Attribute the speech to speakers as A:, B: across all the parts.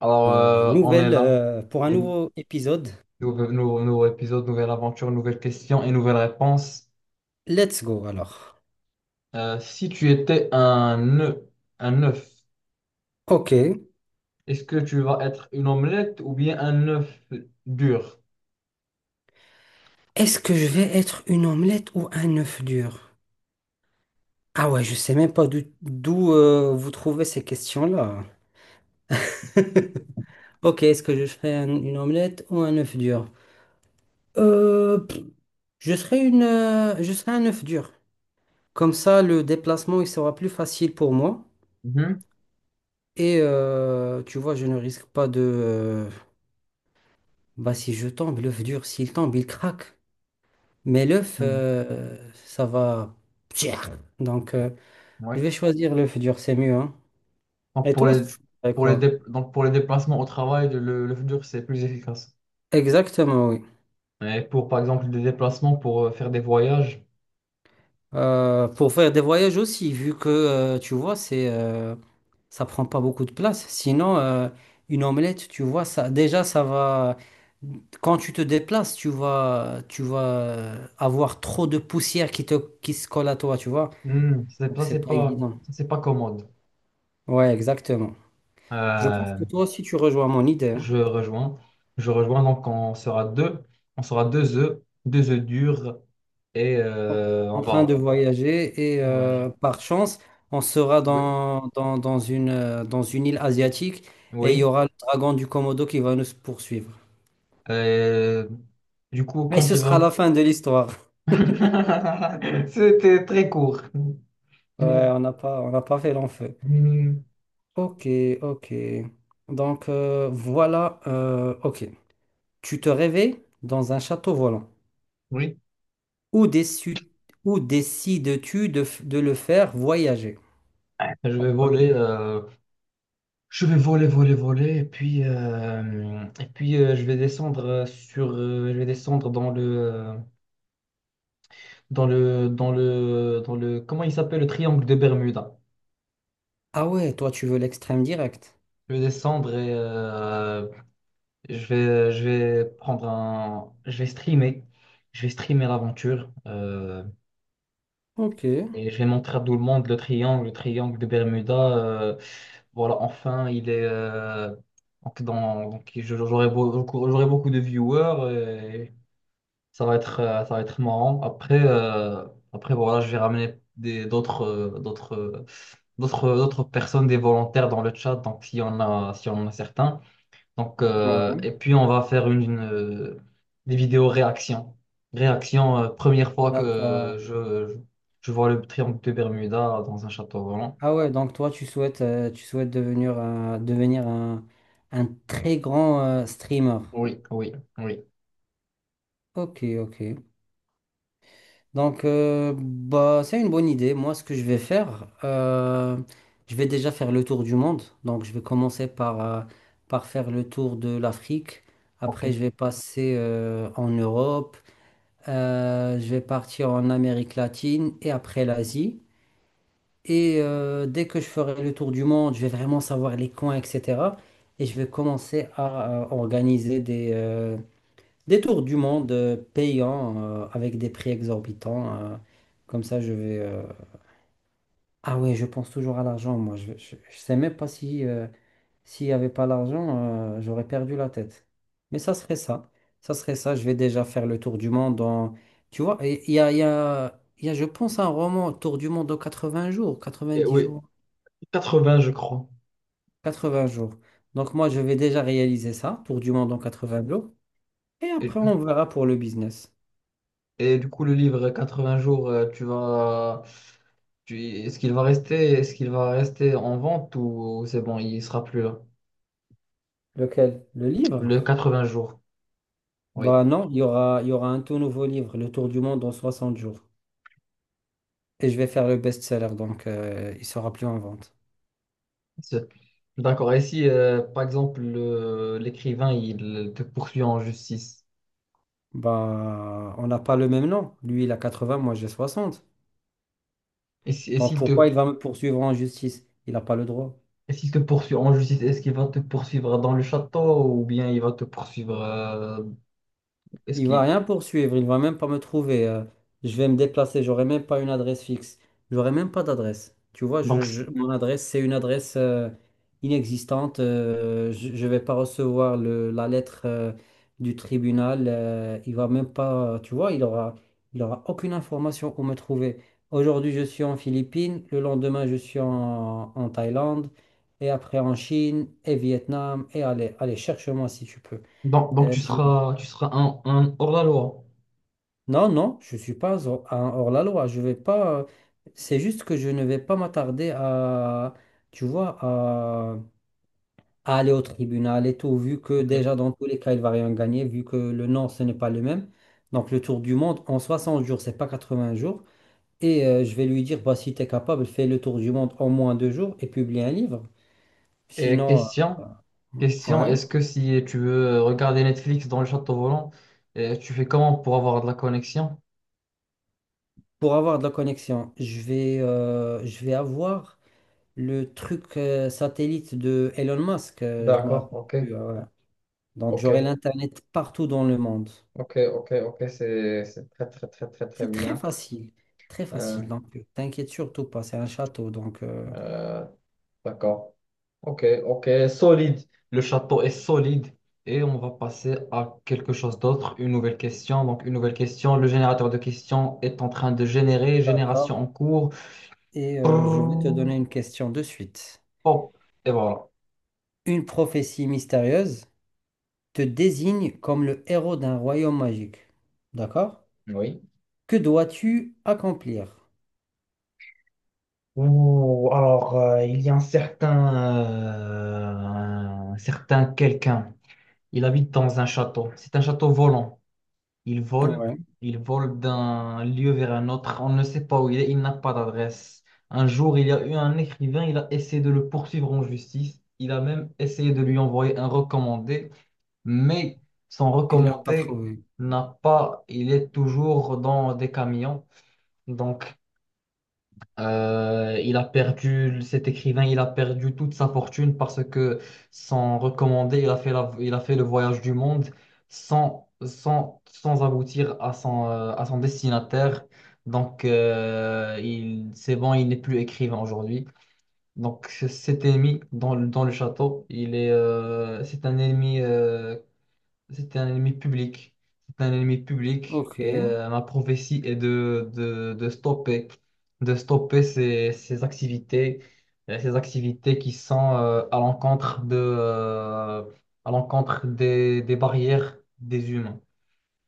A: Alors, on est
B: Nouvelle,
A: là.
B: pour un nouveau épisode.
A: Nouveau épisode, nouvelle aventure, nouvelle question et nouvelle réponse.
B: Let's go alors.
A: Si tu étais un œuf, un œuf,
B: Ok.
A: est-ce que tu vas être une omelette ou bien un œuf dur?
B: Est-ce que je vais être une omelette ou un œuf dur? Ah ouais, je sais même pas d'où vous trouvez ces questions-là. Ok, est-ce que je ferai une omelette ou un œuf dur? Pff, je serai une, je serai un œuf dur. Comme ça, le déplacement il sera plus facile pour moi.
A: Mhm,
B: Et tu vois, je ne risque pas de bah, si je tombe, l'œuf dur, s'il tombe, il craque. Mais l'œuf,
A: mhm,
B: ça va. Donc, je
A: ouais.
B: vais choisir l'œuf dur, c'est mieux, hein.
A: Donc
B: Et toi, tu choisirais quoi?
A: donc pour les déplacements au travail, l'œuf dur, c'est plus efficace.
B: Exactement, oui.
A: Et pour, par exemple, des déplacements pour faire des voyages.
B: Pour faire des voyages aussi, vu que, tu vois, c'est, ça prend pas beaucoup de place. Sinon, une omelette, tu vois, ça, déjà, ça va. Quand tu te déplaces, tu vas avoir trop de poussière qui se colle à toi, tu vois.
A: Hmm,
B: Donc, c'est pas évident.
A: ça, c'est pas commode.
B: Ouais, exactement. Je pense
A: Euh,
B: que toi aussi, tu rejoins mon idée, hein.
A: Je rejoins. Je rejoins. Donc, on sera deux. On sera deux œufs durs. Et
B: en
A: on
B: en train
A: va.
B: de voyager et
A: on va- je-
B: par chance, on sera
A: Oui.
B: dans une île asiatique et il y
A: Oui.
B: aura le dragon du Komodo qui va nous poursuivre.
A: Euh, du coup,
B: Et
A: quand
B: ce
A: il va.
B: sera la fin de l'histoire.
A: C'était très court.
B: Ouais, on n'a pas fait long feu.
A: Hmm.
B: Ok, ok. Donc voilà, ok. Tu te réveilles dans un château volant.
A: Oui.
B: Où, déçu- où décides-tu de, de le faire voyager?
A: Je
B: En
A: vais
B: premier.
A: voler. Je vais voler, voler, voler. Et puis, je vais descendre sur. Je vais descendre dans le. Dans le. Comment il s'appelle? Le triangle de Bermuda.
B: Ah ouais, toi tu veux l'extrême direct.
A: Je vais descendre et je vais prendre un. Je vais streamer. Je vais streamer l'aventure.
B: Ok. Ouais,
A: Et je vais montrer à tout le monde le triangle de Bermuda. Voilà, enfin, il est. Donc, dans, j'aurai beaucoup de viewers et ça va être marrant. Après, après voilà, je vais ramener d'autres, d'autres personnes, des volontaires dans le chat. Donc, s'il y en a certains. Donc, et puis on va faire des vidéos réaction. Réaction, première fois
B: d'accord.
A: que je vois le triangle de Bermuda dans un château volant.
B: Ah ouais, donc toi, tu souhaites devenir, devenir un très grand streamer.
A: Oui, oui, oui.
B: Ok, ok. Donc, bah, c'est une bonne idée. Moi, ce que je vais faire, je vais déjà faire le tour du monde. Donc, je vais commencer par, par faire le tour de l'Afrique.
A: Ok.
B: Après, je vais passer en Europe. Je vais partir en Amérique latine et après l'Asie. Et dès que je ferai le tour du monde, je vais vraiment savoir les coins, etc. Et je vais commencer à, organiser des tours du monde payants avec des prix exorbitants. Comme ça, je vais... ah ouais, je pense toujours à l'argent, moi. Je sais même pas si, s'il n'y avait pas l'argent, j'aurais perdu la tête. Mais ça serait ça. Ça serait ça. Je vais déjà faire le tour du monde en... Tu vois, il y a, je pense, un roman, Tour du monde en 80 jours,
A: Et
B: quatre-vingt-dix
A: oui,
B: jours.
A: 80, je crois.
B: 80 jours. Donc moi, je vais déjà réaliser ça, tour du monde en 80 jours. Et
A: Et,
B: après, on verra pour le business.
A: et du coup, le livre 80 jours, est-ce qu'il va rester, est-ce qu'il va rester en vente ou c'est bon, il sera plus là?
B: Lequel? Le livre?
A: Le 80 jours. Oui.
B: Bah non, il y aura un tout nouveau livre, Le Tour du monde en 60 jours. Et je vais faire le best-seller, donc il sera plus en vente.
A: C'est- D'accord. Et si, par exemple, l'écrivain, il te poursuit en justice,
B: Bah, on n'a pas le même nom. Lui, il a 80, moi j'ai 60.
A: et si-
B: Donc pourquoi il va me poursuivre en justice? Il n'a pas le droit.
A: et s'il te poursuit en justice, est-ce qu'il va te poursuivre dans le château ou bien il va te poursuivre, est-ce
B: Il va
A: qu'il...
B: rien poursuivre, il va même pas me trouver. Je vais me déplacer, j'aurai même pas une adresse fixe. J'aurai même pas d'adresse. Tu vois,
A: Donc, c-
B: mon adresse, c'est une adresse inexistante. Je vais pas recevoir le, la lettre du tribunal. Il va même pas, tu vois, il aura aucune information où me trouver. Aujourd'hui, je suis en Philippines. Le lendemain, en Thaïlande. Et après en Chine et Vietnam. Et allez, allez, cherche-moi si tu peux.
A: donc,
B: Euh, je-
A: tu seras un hors la loi.
B: Non, non, je ne suis pas un hors-la-loi. Je vais pas. C'est juste que je ne vais pas m'attarder à, tu vois, à aller au tribunal et tout, vu que
A: Ok.
B: déjà dans tous les cas, il va rien gagner, vu que le nom, ce n'est pas le même. Donc le tour du monde en 60 jours, c'est pas 80 jours. Et je vais lui dire, bah, si tu es capable, fais le tour du monde en moins deux jours et publie un livre.
A: Et
B: Sinon,
A: question, question,
B: ouais.
A: est-ce que si tu veux regarder Netflix dans le château volant, tu fais comment pour avoir de la connexion?
B: Pour avoir de la connexion, je vais avoir le truc satellite de Elon Musk, je me
A: D'accord,
B: rappelle
A: ok,
B: plus. Voilà. Donc j'aurai
A: ok,
B: l'Internet partout dans le monde.
A: ok, ok, ok, c'est très très très très très
B: C'est très
A: bien.
B: facile, très
A: Euh,
B: facile. Donc t'inquiète surtout pas, c'est un château. Donc
A: euh, d'accord. Ok, ok, solide. Le château est solide. Et on va passer à quelque chose d'autre, une nouvelle question. Donc, une nouvelle question. Le générateur de questions est en train de générer. Génération
B: d'accord.
A: en cours.
B: Et je vais te
A: Prrrr.
B: donner une question de suite.
A: Hop. Et voilà.
B: Une prophétie mystérieuse te désigne comme le héros d'un royaume magique. D'accord?
A: Oui.
B: Que dois-tu accomplir?
A: Ouh, alors, il y a un certain, un certain quelqu'un. Il habite dans un château. C'est un château volant. Il vole,
B: Ouais,
A: il vole d'un lieu vers un autre. On ne sait pas où il est, il n'a pas d'adresse. Un jour, il y a eu un écrivain, il a essayé de le poursuivre en justice. Il a même essayé de lui envoyer un recommandé, mais son
B: il l'a pas
A: recommandé
B: trouvé.
A: n'a pas, il est toujours dans des camions. Donc, il a perdu, cet écrivain, il a perdu toute sa fortune parce que sans recommander, il a fait le voyage du monde sans aboutir à son destinataire. Donc, il, c'est bon, il n'est plus écrivain aujourd'hui. Donc, cet ennemi dans, dans le château, c'est un ennemi c'était un ennemi public. C'était un ennemi public
B: Ok,
A: et ma prophétie est de, de stopper ces activités qui sont à l'encontre de, à l'encontre des barrières des humains.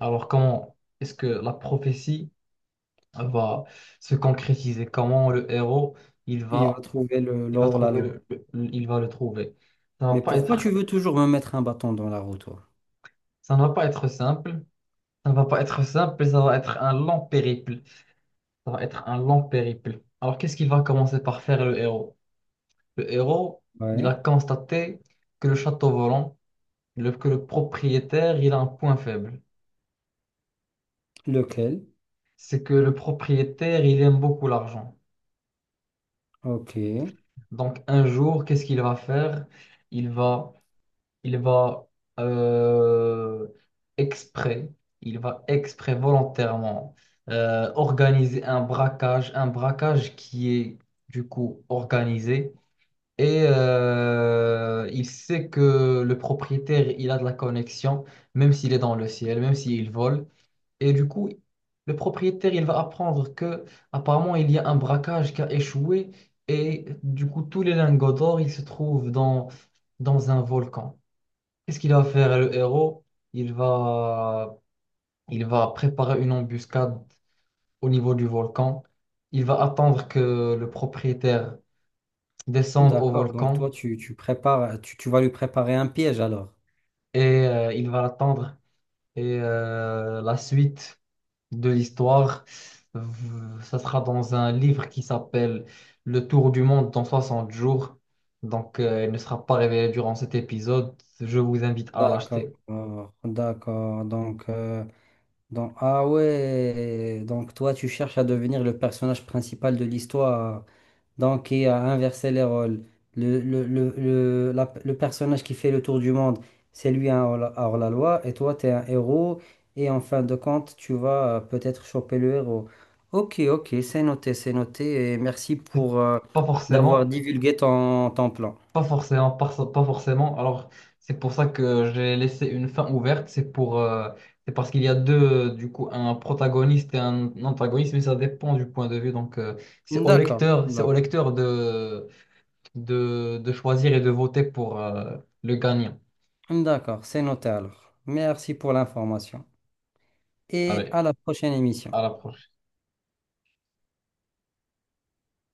A: Alors comment est-ce que la prophétie va se concrétiser? Comment le héros il
B: il va
A: va,
B: trouver le
A: il va
B: l'or la.
A: trouver il va le trouver? Ça va
B: Mais
A: pas
B: pourquoi tu
A: être,
B: veux toujours me mettre un bâton dans la roue, toi?
A: ça ne va pas être simple. Ça ne va pas être simple, ça va être un long périple. Ça va être un long périple. Alors, qu'est-ce qu'il va commencer par faire le héros? Le héros, il
B: Ouais.
A: a constaté que le château volant, que le propriétaire, il a un point faible.
B: Lequel?
A: C'est que le propriétaire, il aime beaucoup l'argent.
B: Ok.
A: Donc, un jour, qu'est-ce qu'il va faire? Il va il va euh, exprès, il va exprès volontairement organiser un braquage qui est du coup organisé. Et il sait que le propriétaire, il a de la connexion, même s'il est dans le ciel, même s'il vole. Et du coup, le propriétaire, il va apprendre que apparemment il y a un braquage qui a échoué. Et du coup, tous les lingots d'or, ils se trouvent dans, dans un volcan. Qu'est-ce qu'il va faire le héros? Il va, il va préparer une embuscade au niveau du volcan. Il va attendre que le propriétaire descende au
B: D'accord. Donc
A: volcan
B: toi, tu prépares, tu vas lui préparer un piège alors.
A: et il va l'attendre. Et la suite de l'histoire, ça sera dans un livre qui s'appelle Le Tour du monde dans 60 jours. Donc, il ne sera pas révélé durant cet épisode. Je vous invite à
B: D'accord.
A: l'acheter.
B: D'accord. Donc, ah ouais. Donc toi, tu cherches à devenir le personnage principal de l'histoire. Donc, il a inversé les rôles. Le personnage qui fait le tour du monde, c'est lui un hors-la-loi, et toi, tu es un héros, et en fin de compte, tu vas peut-être choper le héros. Ok, ok, c'est noté, et merci
A: C'est
B: pour
A: Pas
B: d'avoir
A: forcément.
B: divulgué ton, ton plan.
A: Pas forcément, pas forcément. Alors, c'est pour ça que j'ai laissé une fin ouverte. C'est pour, c'est parce qu'il y a deux, du coup, un protagoniste et un antagoniste, mais ça dépend du point de vue. Donc,
B: D'accord,
A: c'est au
B: d'accord,
A: lecteur de, de choisir et de voter pour, le gagnant.
B: d'accord, c'est noté alors. Merci pour l'information, et
A: Allez,
B: à la prochaine émission.
A: à la prochaine.